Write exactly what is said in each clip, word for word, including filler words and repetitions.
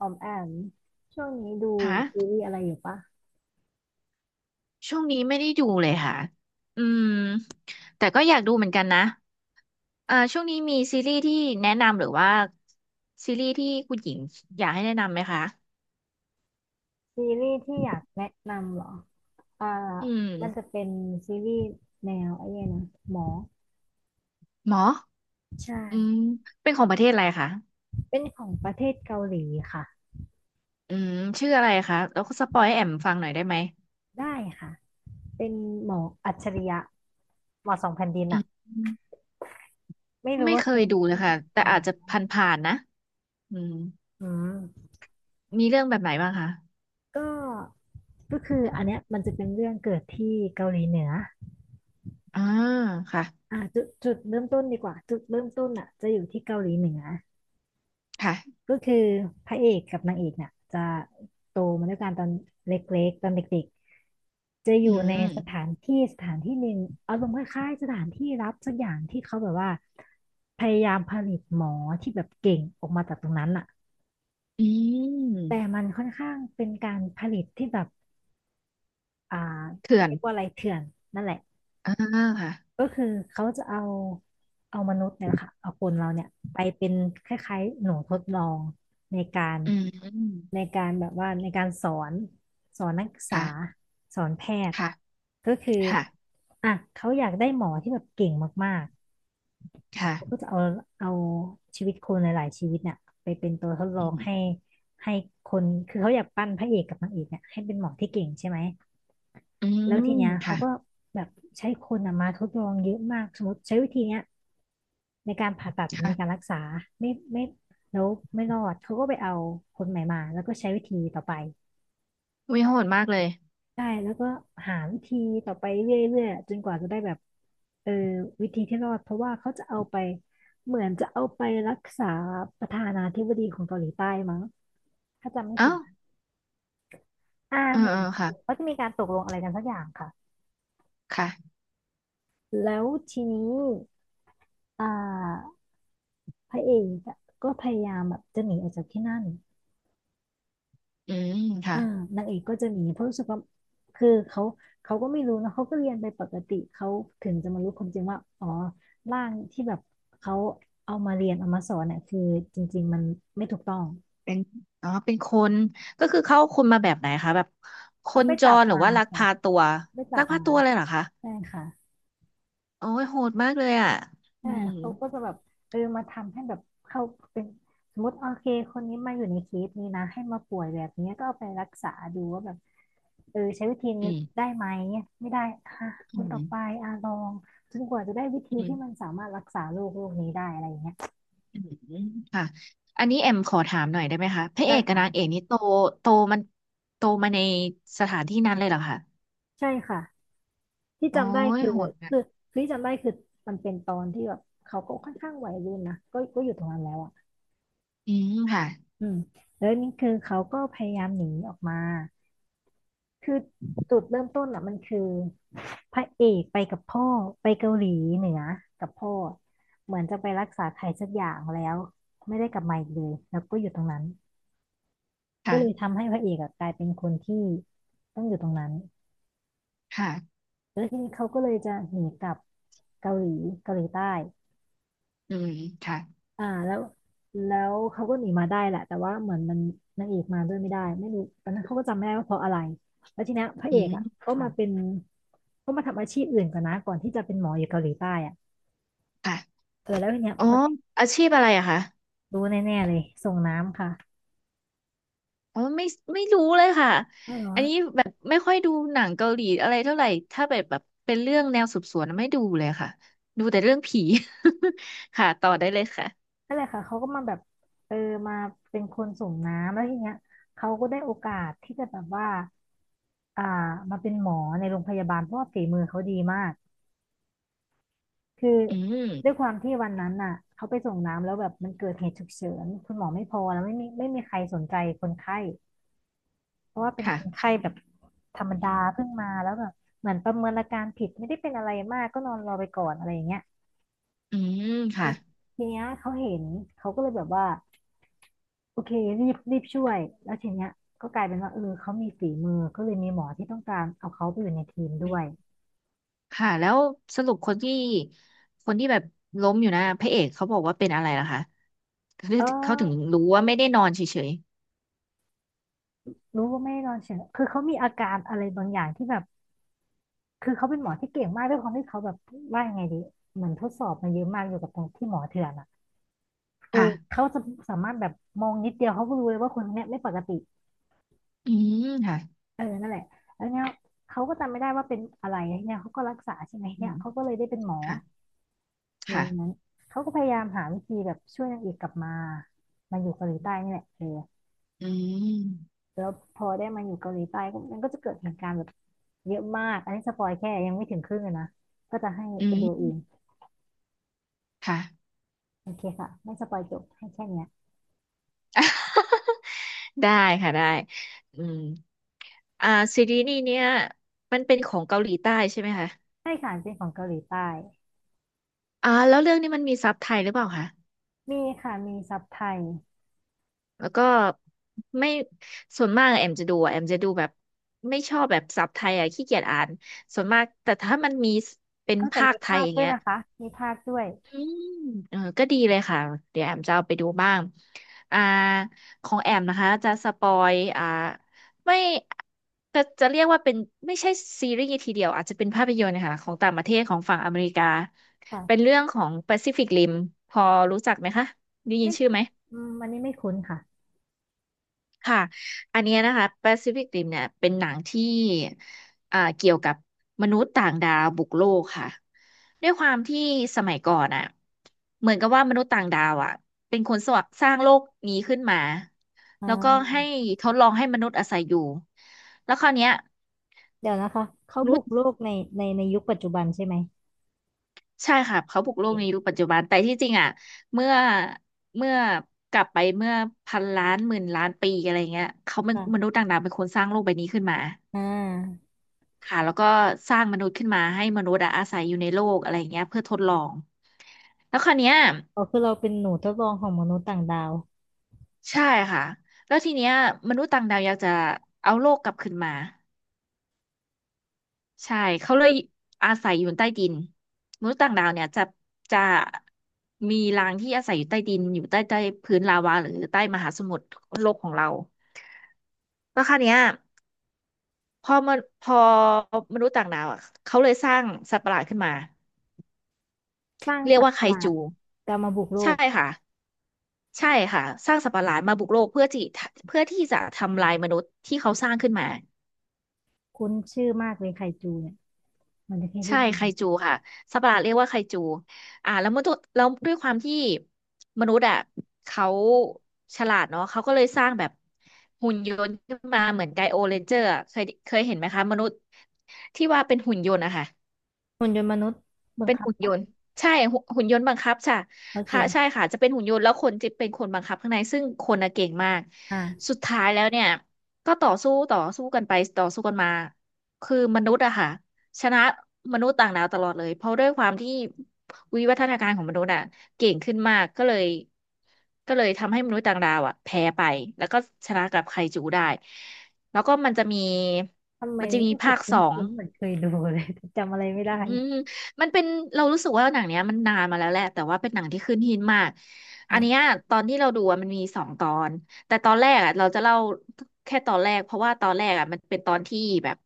ออมแอมช่วงนี้ดูคซี่ะรีส์อะไรอยู่ปะช่วงนี้ไม่ได้ดูเลยค่ะอืมแต่ก็อยากดูเหมือนกันนะเอ่อช่วงนี้มีซีรีส์ที่แนะนำหรือว่าซีรีส์ที่คุณหญิงอยากให้แนะนำไหมคะซีรีส์ที่อยากแนะนำเหรออ่าอืมันจะมเป็นซีรีส์แนวไอ้เนี่ยนะหมอหมออืมใช่เป็นของประเทศอะไรคะเป็นของประเทศเกาหลีค่ะอืมชื่ออะไรคะแล้วก็สปอยให้แอมฟังหน่อยได้ไหมได้ค่ะเป็นหมออัจฉริยะหมอสองแผ่นดินอือะมไม่รู้ไม่ว่าเคเคยยดูเลยค่ะแต่อ่าอาจจะนผ่านๆนะอืมอืมมีเรื่องแบบไหนบ้างคะก็ก็คืออันเนี้ยมันจะเป็นเรื่องเกิดที่เกาหลีเหนืออ่าค่ะอ่าจุดจุดเริ่มต้นดีกว่าจุดเริ่มต้นอ่ะจะอยู่ที่เกาหลีเหนือ ค่ะก็คือพระเอกกับนางเอกเนี่ยจะโตมาด้วยกันตอนเล็กๆตอนเด็กๆจะออืยู่ในมสถานที่สถานที่หนึ่งอารมณ์คล้ายๆสถานที่รับสักอย่างที่เขาแบบว่าพยายามผลิตหมอที่แบบเก่งออกมาจากตรงนั้นอะอืแต่มมันค่อนข้างเป็นการผลิตที่แบบอ่าเขื่อนเรียกว่าอะไรเถื่อนนั่นแหละ อ่าค่ะ ก็คือเขาจะเอาเอามนุษย์เนี่ยแหละค่ะเอาคนเราเนี่ยไปเป็นคล้ายๆหนูทดลองในการอืมในการแบบว่าในการสอนสอนนักศึกษาค่ะสอนแพทย์ค่ะก็คือค่ะอ่ะเขาอยากได้หมอที่แบบเก่งมากๆเขาก็ค่ะจะเอาเอาชีวิตคนหลายๆชีวิตเนี่ยไปเป็นตัวทดลออืงมให้ให้คนคือเขาอยากปั้นพระเอกกับนางเอกเนี่ยให้เป็นหมอที่เก่งใช่ไหมอืแล้วมทีเนี้ยเขาค่ะก็แบบใช้คนอะมาทดลองเยอะมากสมมติใช้วิธีเนี้ย ในการผ่าตัดในการค่ะรักษาไม่ไม่แล้วไม่รอดเขาก็ไปเอาคนใหม่มาแล้วก็ใช้วิธีต่อไปวิโหดมากเลยใช่แล้วก็หาวิธีต่อไปเรื่อยๆจนกว่าจะได้แบบเออวิธีที่รอดเพราะว่าเขาจะเอาไปเหมือนจะเอาไปรักษาประธานาธิบดีของเกาหลีใต้มั้งถ้าจำไม่ผิเอ้าดนะอ่าเออเหมือเอนอค่ะเขาจะมีการตกลงอะไรกันสักอย่างค่ะค่ะแล้วทีนี้อ่าพระเอกอะก็พยายามแบบจะหนีออกจากที่นั่น อืมค่ะอ่านางเอกก็จะหนีเพราะรู้สึกว่าคือเขาเขาก็ไม่รู้นะเขาก็เรียนไปปกติเขาถึงจะมารู้ความจริงว่าอ๋อร่างที่แบบเขาเอามาเรียนเอามาสอนเนี่ยคือจริงๆมันไม่ถูกต้องเป็นอ๋อเป็นคนก็คือเข้าคนมาแบบไหนคะแบบคเขานไปจจับรหรือมาว่าลักค่ะพาตัวไปจัลักบพามาตัวเลยเหรอคะใช่ค่ะโอ้ยโหดมากเลยอ่ะอืใช่มเขาก็จะแบบเออมาทำให้แบบเขาเป็นสมมติโอเคคนนี้มาอยู่ในเคสนี้นะให้มาป่วยแบบนี้ก็เอาไปรักษาดูว่าแบบ เออใช้วิธีนี้อืได้มไหมไม่ได้อ่ะคอืนต่อมไปอ่ะลองจนกว่าจะได้วิธีอืที่มันมสามารถรักษาโรคโรคนี้ได้อะไรอย่างเงี้ยอืมค่ะอันนี้แอมขอถามหน่อยได้ไหมคะพระเอได้กกับนางค่ะเอกนี่โตโตมันโตมาในสถานที่นั้นเลยเหรอคะ ใช่ค่ะที่โอ้จำได้ยคือโหดอะคือคือที่จำได้คือมันเป็นตอนที่แบบเขาก็ค่อนข้างวัยรุ่นนะก็ก็อยู่ตรงนั้นแล้วอ่ะอืมค่ะอืมแล้วนี่คือเขาก็พยายามหนีออกมา คือจุดเริ่มต้นอ่ะมันคือพระเอกไปกับพ่อไปเกาหลีเหนือกับพ่อเหมือนจะไปรักษาใครสักอย่างแล้วไม่ได้กลับมาอีกเลยแล้วก็อยู่ตรงนั้นก็ค่ะเลยทำให้พระเอกอะกลายเป็นคนที่ต้องอยู่ตรงนั้นค่ะแล้วทีนี้เขาก็เลยจะหนีกลับเกาหลีเกาหลีใต้ อืมค่ะอ่าแล้วแล้วเขาก็หนีมาได้แหละแต่ว่าเหมือนมันนางเอกมาด้วยไม่ได้ไม่รู้ตอนนั้นเขาก็จำไม่ได้ว่าเพราะอะไรแล้วทีเนี้ยพระอืเอกมอ่ะก็โหมาดเป็นก็มาทำอาชีพอื่นก่อนนะก่อนที่จะเป็นหมออยู่เกาหลีใต้อ่ะค่ะเออแล้วทีเนี้ยอ๋อพออาชีพอะไรอะคะรู้แน่ๆเลยส่งน้ำค่ะอ๋อไม่ไม่รู้เลยค่ะเออเหรออันนี้แบบไม่ค่อยดูหนังเกาหลีอะไรเท่าไหร่ถ้าแบบแบบเป็นเรื่องแนวสืบสวนไม่ดูเลยค่ะดูแต่เรื่องผี ค่ะต่อได้เลยค่ะนั่นแหละค่ะเขาก็มาแบบเออมาเป็นคนส่งน้ำแล้วทีเนี้ยเขาก็ได้โอกาสที่จะแบบว่าอ่ามาเป็นหมอในโรงพยาบาลเพราะว่าฝีมือเขาดีมาก คืออืด้วยมความที่วันนั้นน่ะเขาไปส่งน้ำแล้วแบบมันเกิดเหตุฉุกเฉินคุณหมอไม่พอแล้วไม่มีไม่มีใครสนใจคนไข้เพราะว่าเป็นคนค่ะไข้แบบธรรมดาเพิ่งมาแล้วแบบเหมือนประเมินอาการผิดไม่ได้เป็นอะไรมากก็นอนรอไปก่อนอะไรอย่างเงี้ยอืมทีค่ะทีเนี้ยเขาเห็นเขาก็เลยแบบว่าโอเครีบรีบช่วยแล้วทีเนี้ยก็กลายเป็นว่าเออเขามีฝีมือก็เลยมีหมอที่ต้องการเอาเขาไปอยู่ในทีมด้วยค่ะแล้วสรุปคนที่คนที่แบบล้มอยู่นะพระเอกเขาบอกว่าเป็นอะไรล่ะคะเออเขาถึงรู้ว่าไม่ได้นอนเฉย รู้ว่าไม่ได้นอนเฉยคือเขามีอาการอะไรบางอย่างที่แบบ คือเขาเป็นหมอที่เก่งมากด้วยความที่เขาแบบว่ายังไงดีเหมือนทดสอบมาเยอะมากอยู่กับตรงที่หมอเถื่อนอ่ะเออค่ะเขาจะสามารถแบบมองนิดเดียวเขาก็รู้เลยว่าคนคนเนี้ยไม่ปกติอืมค่ะเออนั่นแหละแล้วเนี้ยเขาก็จำไม่ได้ว่าเป็นอะไรเนี่ยเขาก็รักษาใช่ไหมอืเนี่ยมเขาก็เลยได้เป็นหมอค่ะ อยู่อค่ะย่างนั้นเขาก็พยายามหาวิธีแบบช่วยนางเอกกลับมามาอยู่เกาหลีใต้นี่แหละเอออืมแล้วพอได้มาอยู่เกาหลีใต้ก็มันก็จะเกิดเหตุการณ์แบบเยอะมากอันนี้สปอยแค่ยังไม่ถึงครึ่งเลยนะก็จะให้อืไปดูเองมค่ะ โอเคค่ะไม่สปอยจบให้แค่เนี้ย ได้ค่ะได้อืมอ่าซีรีส์นี้เนี่ยมันเป็นของเกาหลีใต้ใช่ไหมคะใช่ค่ะเป็นของเกาหลีใต้อ่าแล้วเรื่องนี้มันมีซับไทยหรือเปล่าคะ มีค่ะมีซับไทยแล้วก็ไม่ ส่วนมากแอมจะดูอะแอมจะดูแบบไม่ชอบแบบซับไทยอ่ะขี้เกียจอ่านส่วนมาก แต่ถ้ามันมีเป็นกงแต่ภาคมีไทยภาคอย่างด้วยเงี้ย นะคะมีภาคด้วยอืมเออก็ดีเลยค่ะ เดี๋ยวแอมจะเอาไปดูบ้างอ่าของแอมนะคะ จะสปอยอ่าไม่จะจะเรียกว่าเป็นไม่ใช่ซีรีส์ทีเดียว อาจจะเป็นภาพยนตร์นะคะของต่างประเทศของฝั่งอเมริกา ค่ะเป็นเรื่องของ Pacific Rim พอรู้จักไหมคะได้ยินไม่ชื่อไหม อืมอันนี้ไม่คุ้นค่ะค่ะ อันเนี้ยนะคะ Pacific Rim เนี่ยเป็นหนังที่อ่าเกี่ยวกับมนุษย์ต่างดาวบุกโลกค่ะ ด้วยความที่สมัยก่อนอ่ะเหมือนกับว่ามนุษย์ต่างดาวอ่ะเป็นคนสวสร้างโลกนี้ขึ้นมา อ่แล้วก็าให้ทดลองให้มนุษย์อาศัยอยู่ แล้วคราวเนี้ยเดี๋ยวนะคะเขามนุบุษกย์โลกในในในยุคปัจจุบันใช่ไหมใช่ค่ะ เขาบุกโลกเอ๊ะนี้รปัจจุบันแต่ที่จริงอ่ะเมื่อเมื่อกลับไปเมื่อพันล้านหมื่นล้านปีอะไรเงี้ยเขาเป็นค่ะมนุษย์ต่างดาวเป็นคนสร้างโลกใบนี้ขึ้นมา อ่าค่ะแล้วก็สร้างมนุษย์ขึ้นมาให้มนุษย์อะอาศัยอยู่ในโลกอะไรอย่างเงี้ยเพื่อทดลองแล้วคราวเนี้ยอ๋อคือเราเป็นหนูทดลองของมนุษย์ต่างดาวใช่ค่ะแล้วทีเนี้ยมนุษย์ต่างดาวอยากจะเอาโลกกลับขึ้นมาใช่เขาเลยอาศัยอยู่ใต้ดินมนุษย์ต่างดาวเนี่ยจะจะมีรังที่อาศัยอยู่ใต้ดินอยู่ใต้ใต้พื้นลาวาหรือใต้มหาสมุทรโลกของเราแล้วคราวเนี้ยพอมันพอมนุษย์ต่างดาวอ่ะเขาเลยสร้างสัตว์ประหลาดขึ้นมาสร้างเรียกสัตว่าว์ปไคระหลาดจูจะมาบุกโลใช่กค่ะ ใช่ค่ะสร้างสัตว์ประหลาดมาบุกโลกเพื่อที่เพื่อที่จะทำลายมนุษย์ที่เขาสร้างขึ้นมาคุ้นชื่อมากเลยไคจูเนี่ยมันจะแค่ได้ใช่ยิไคนจูค่ะสัตว์ประหลาดเรียกว่าไคจูอ่าแล้วมนุษย์แล้วด้วยความที่มนุษย์อ่ะเขาฉลาดเนาะเขาก็เลยสร้างแบบหุ่นยนต์ขึ้นมาเหมือนไกโอเรนเจอร์อะเคยเคยเห็นไหมคะมนุษย์ที่ว่าเป็นหุ่นยนต์อะค่ะ หุ่นยนต์มนุษย์บังเป็นคับหุ่นยนปะต์ใช่หุ่นหุ่นยนต์บังคับค่ะโอเคค่ะใช่ค่ะจะเป็นหุ่นยนต์แล้วคนจะเป็นคนบังคับข้างในซึ่งคนน่ะเก่งมากอ่าสุดท้ายแล้วเนี่ยก็ต่อสู้ต่อสู้กันไปต่อสู้กันมาคือมนุษย์อะค่ะชนะมนุษย์ต่างดาวตลอดเลยเพราะด้วยความที่วิวัฒนาการของมนุษย์อะเก่งขึ้นมากก็เลยก็เลยทำให้มนุษย์ต่างดาวอะแพ้ไปแล้วก็ชนะกับไคจูได้แล้วก็มันจะมีทำไมมันจะมีรู้สึภากคคุสอง ้นๆเหมือนเคยดูเลย แต่จำอะไรไม่ได้อืมมันเป็นเรารู้สึกว่าหนังเนี้ยมันนานมาแล้วแหละแต่ว่าเป็นหนังที่ขึ้นหินมากอันเนี้ยออตอนที่เราดูอะมันมีสองตอนแต่ตอนแรกอ่ะเราจะเล่าแค่ตอนแรกเพราะว่าตอนแรกอ่ะมันเป็นตอนที่แบบ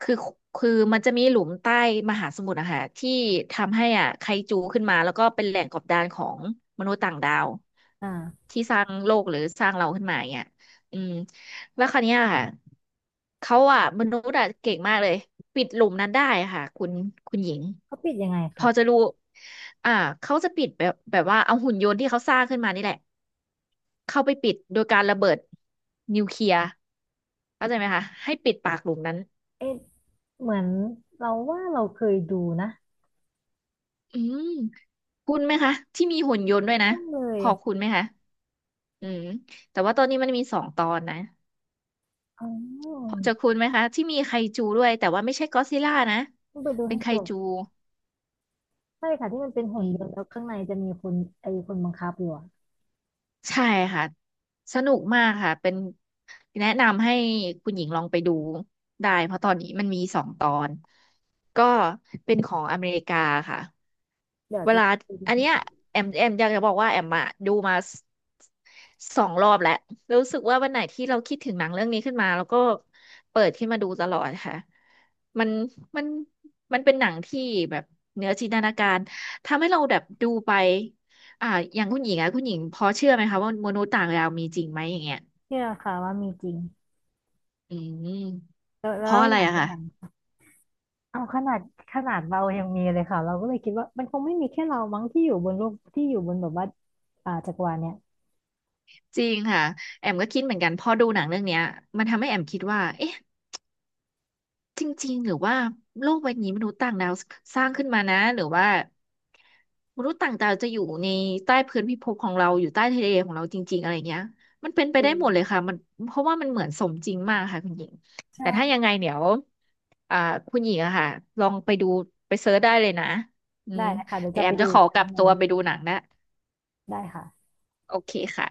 คือคือมันจะมีหลุมใต้มหาสมุทรอะค่ะที่ทำให้อ่ะไคจูขึ้นมาแล้วก็เป็นแหล่งกบดานของมนุษย์ต่างดาวอ่า ที่สร้างโลกหรือสร้างเราขึ้นมาอย่างเนี้ยอืมแล้วคราวเนี้ยค่ะ เขาอ่ะมนุษย์อ่ะเก่งมากเลยปิดหลุมนั้นได้ค่ะคุณคุณหญิงเขาปิดยังไงพคะอจะรู้อ่าเขาจะปิดแบบแบบว่าเอาหุ่นยนต์ที่เขาสร้างขึ้นมานี่แหละเข้าไปปิดโดยการระเบิดนิวเคลียร์เข้าใจไหมคะให้ปิดปากหลุมนั้นเอ๊ะเหมือนเราว่าเราเคยดูนะอืมคุณไหมคะที่มีหุ่นยนต์ด้วยนะต้องเลพยอคุณไหมคะอืมแต่ว่าตอนนี้มันมีสองตอนนะอ๋พออจะคุณไหมคะที่มีไคจูด้วยแต่ว่าไม่ใช่ก็อดซิลล่านะต้องไปดูเป็นให้ไคจจูบใช่ค่ะที่มันเป็นหุ่อืนยม นต์แล้วข้างในจะมีคนไอ้คนบังคับอยู่อะใช่ค่ะสนุกมากค่ะเป็นแนะนำให้คุณหญิงลองไปดูได้เพราะตอนนี้มันมีสองตอนก็เป็นของอเมริกาค่ะเดี๋ยวเวจะลาไปดูอันเนี้ยแอมแอมอยากจะบอกว่าแอมอะดูมาสสองรอบแล้วรู้สึกว่าวันไหนที่เราคิดถึงหนังเรื่องนี้ขึ้นมาแล้วก็เปิดขึ้นมาดูตลอดค่ะมันมันมันเป็นหนังที่แบบเหนือจินตนาการทำให้เราแบบดูไป อ่าอย่างคุณหญิงอะคุณหญิงพอเชื่อไหมคะว่ามนุษย์ต่างดาวมีจริงไหมอย่างเงี้ยเชื่อค่ะว่ามีจริงอืมแล้วเพแล้ราะวอะไรอย่างอะเป็นค่ะอย่างเอาขนาดขนาดเรายังมีเลยค่ะเราก็เลยคิดว่ามันคงไม่มีแค่เรามั้งที่อยู่บนโลกที่อยู่บนแบบว่าอ่าจักรวาลเนี่ยจริงค่ะแอมก็คิดเหมือนกันพอดูหนังเรื่องเนี้ยมันทำให้แอมคิดว่าเอ๊ะ จริงๆหรือว่าโลกใบนี้มนุษย์ต่างดาวสร้างขึ้นมานะหรือว่ามนุษย์ต่างดาวจะอยู่ในใต้พื้นพิภพของเราอยู่ใต้ทะเลของเราจริงๆอะไรเงี้ยมันเป็นไปอืได้หมดเลยมค่ะมันเพราะว่ามันเหมือนสมจริงมากค่ะคุณหญิงแต่ถ้าใช่ยังไงเดี๋ยวอ่าคุณหญิงอะค่ะลองไปดูไปเซิร์ชได้เลยนะอืได้มนะคะเดี๋ยวเดี๋ยจะวแอไปมดูจะขอีอกคกรั้ลังบหนึ่ตังวไปดูหนังนะได้ค่ะโอเคค่ะ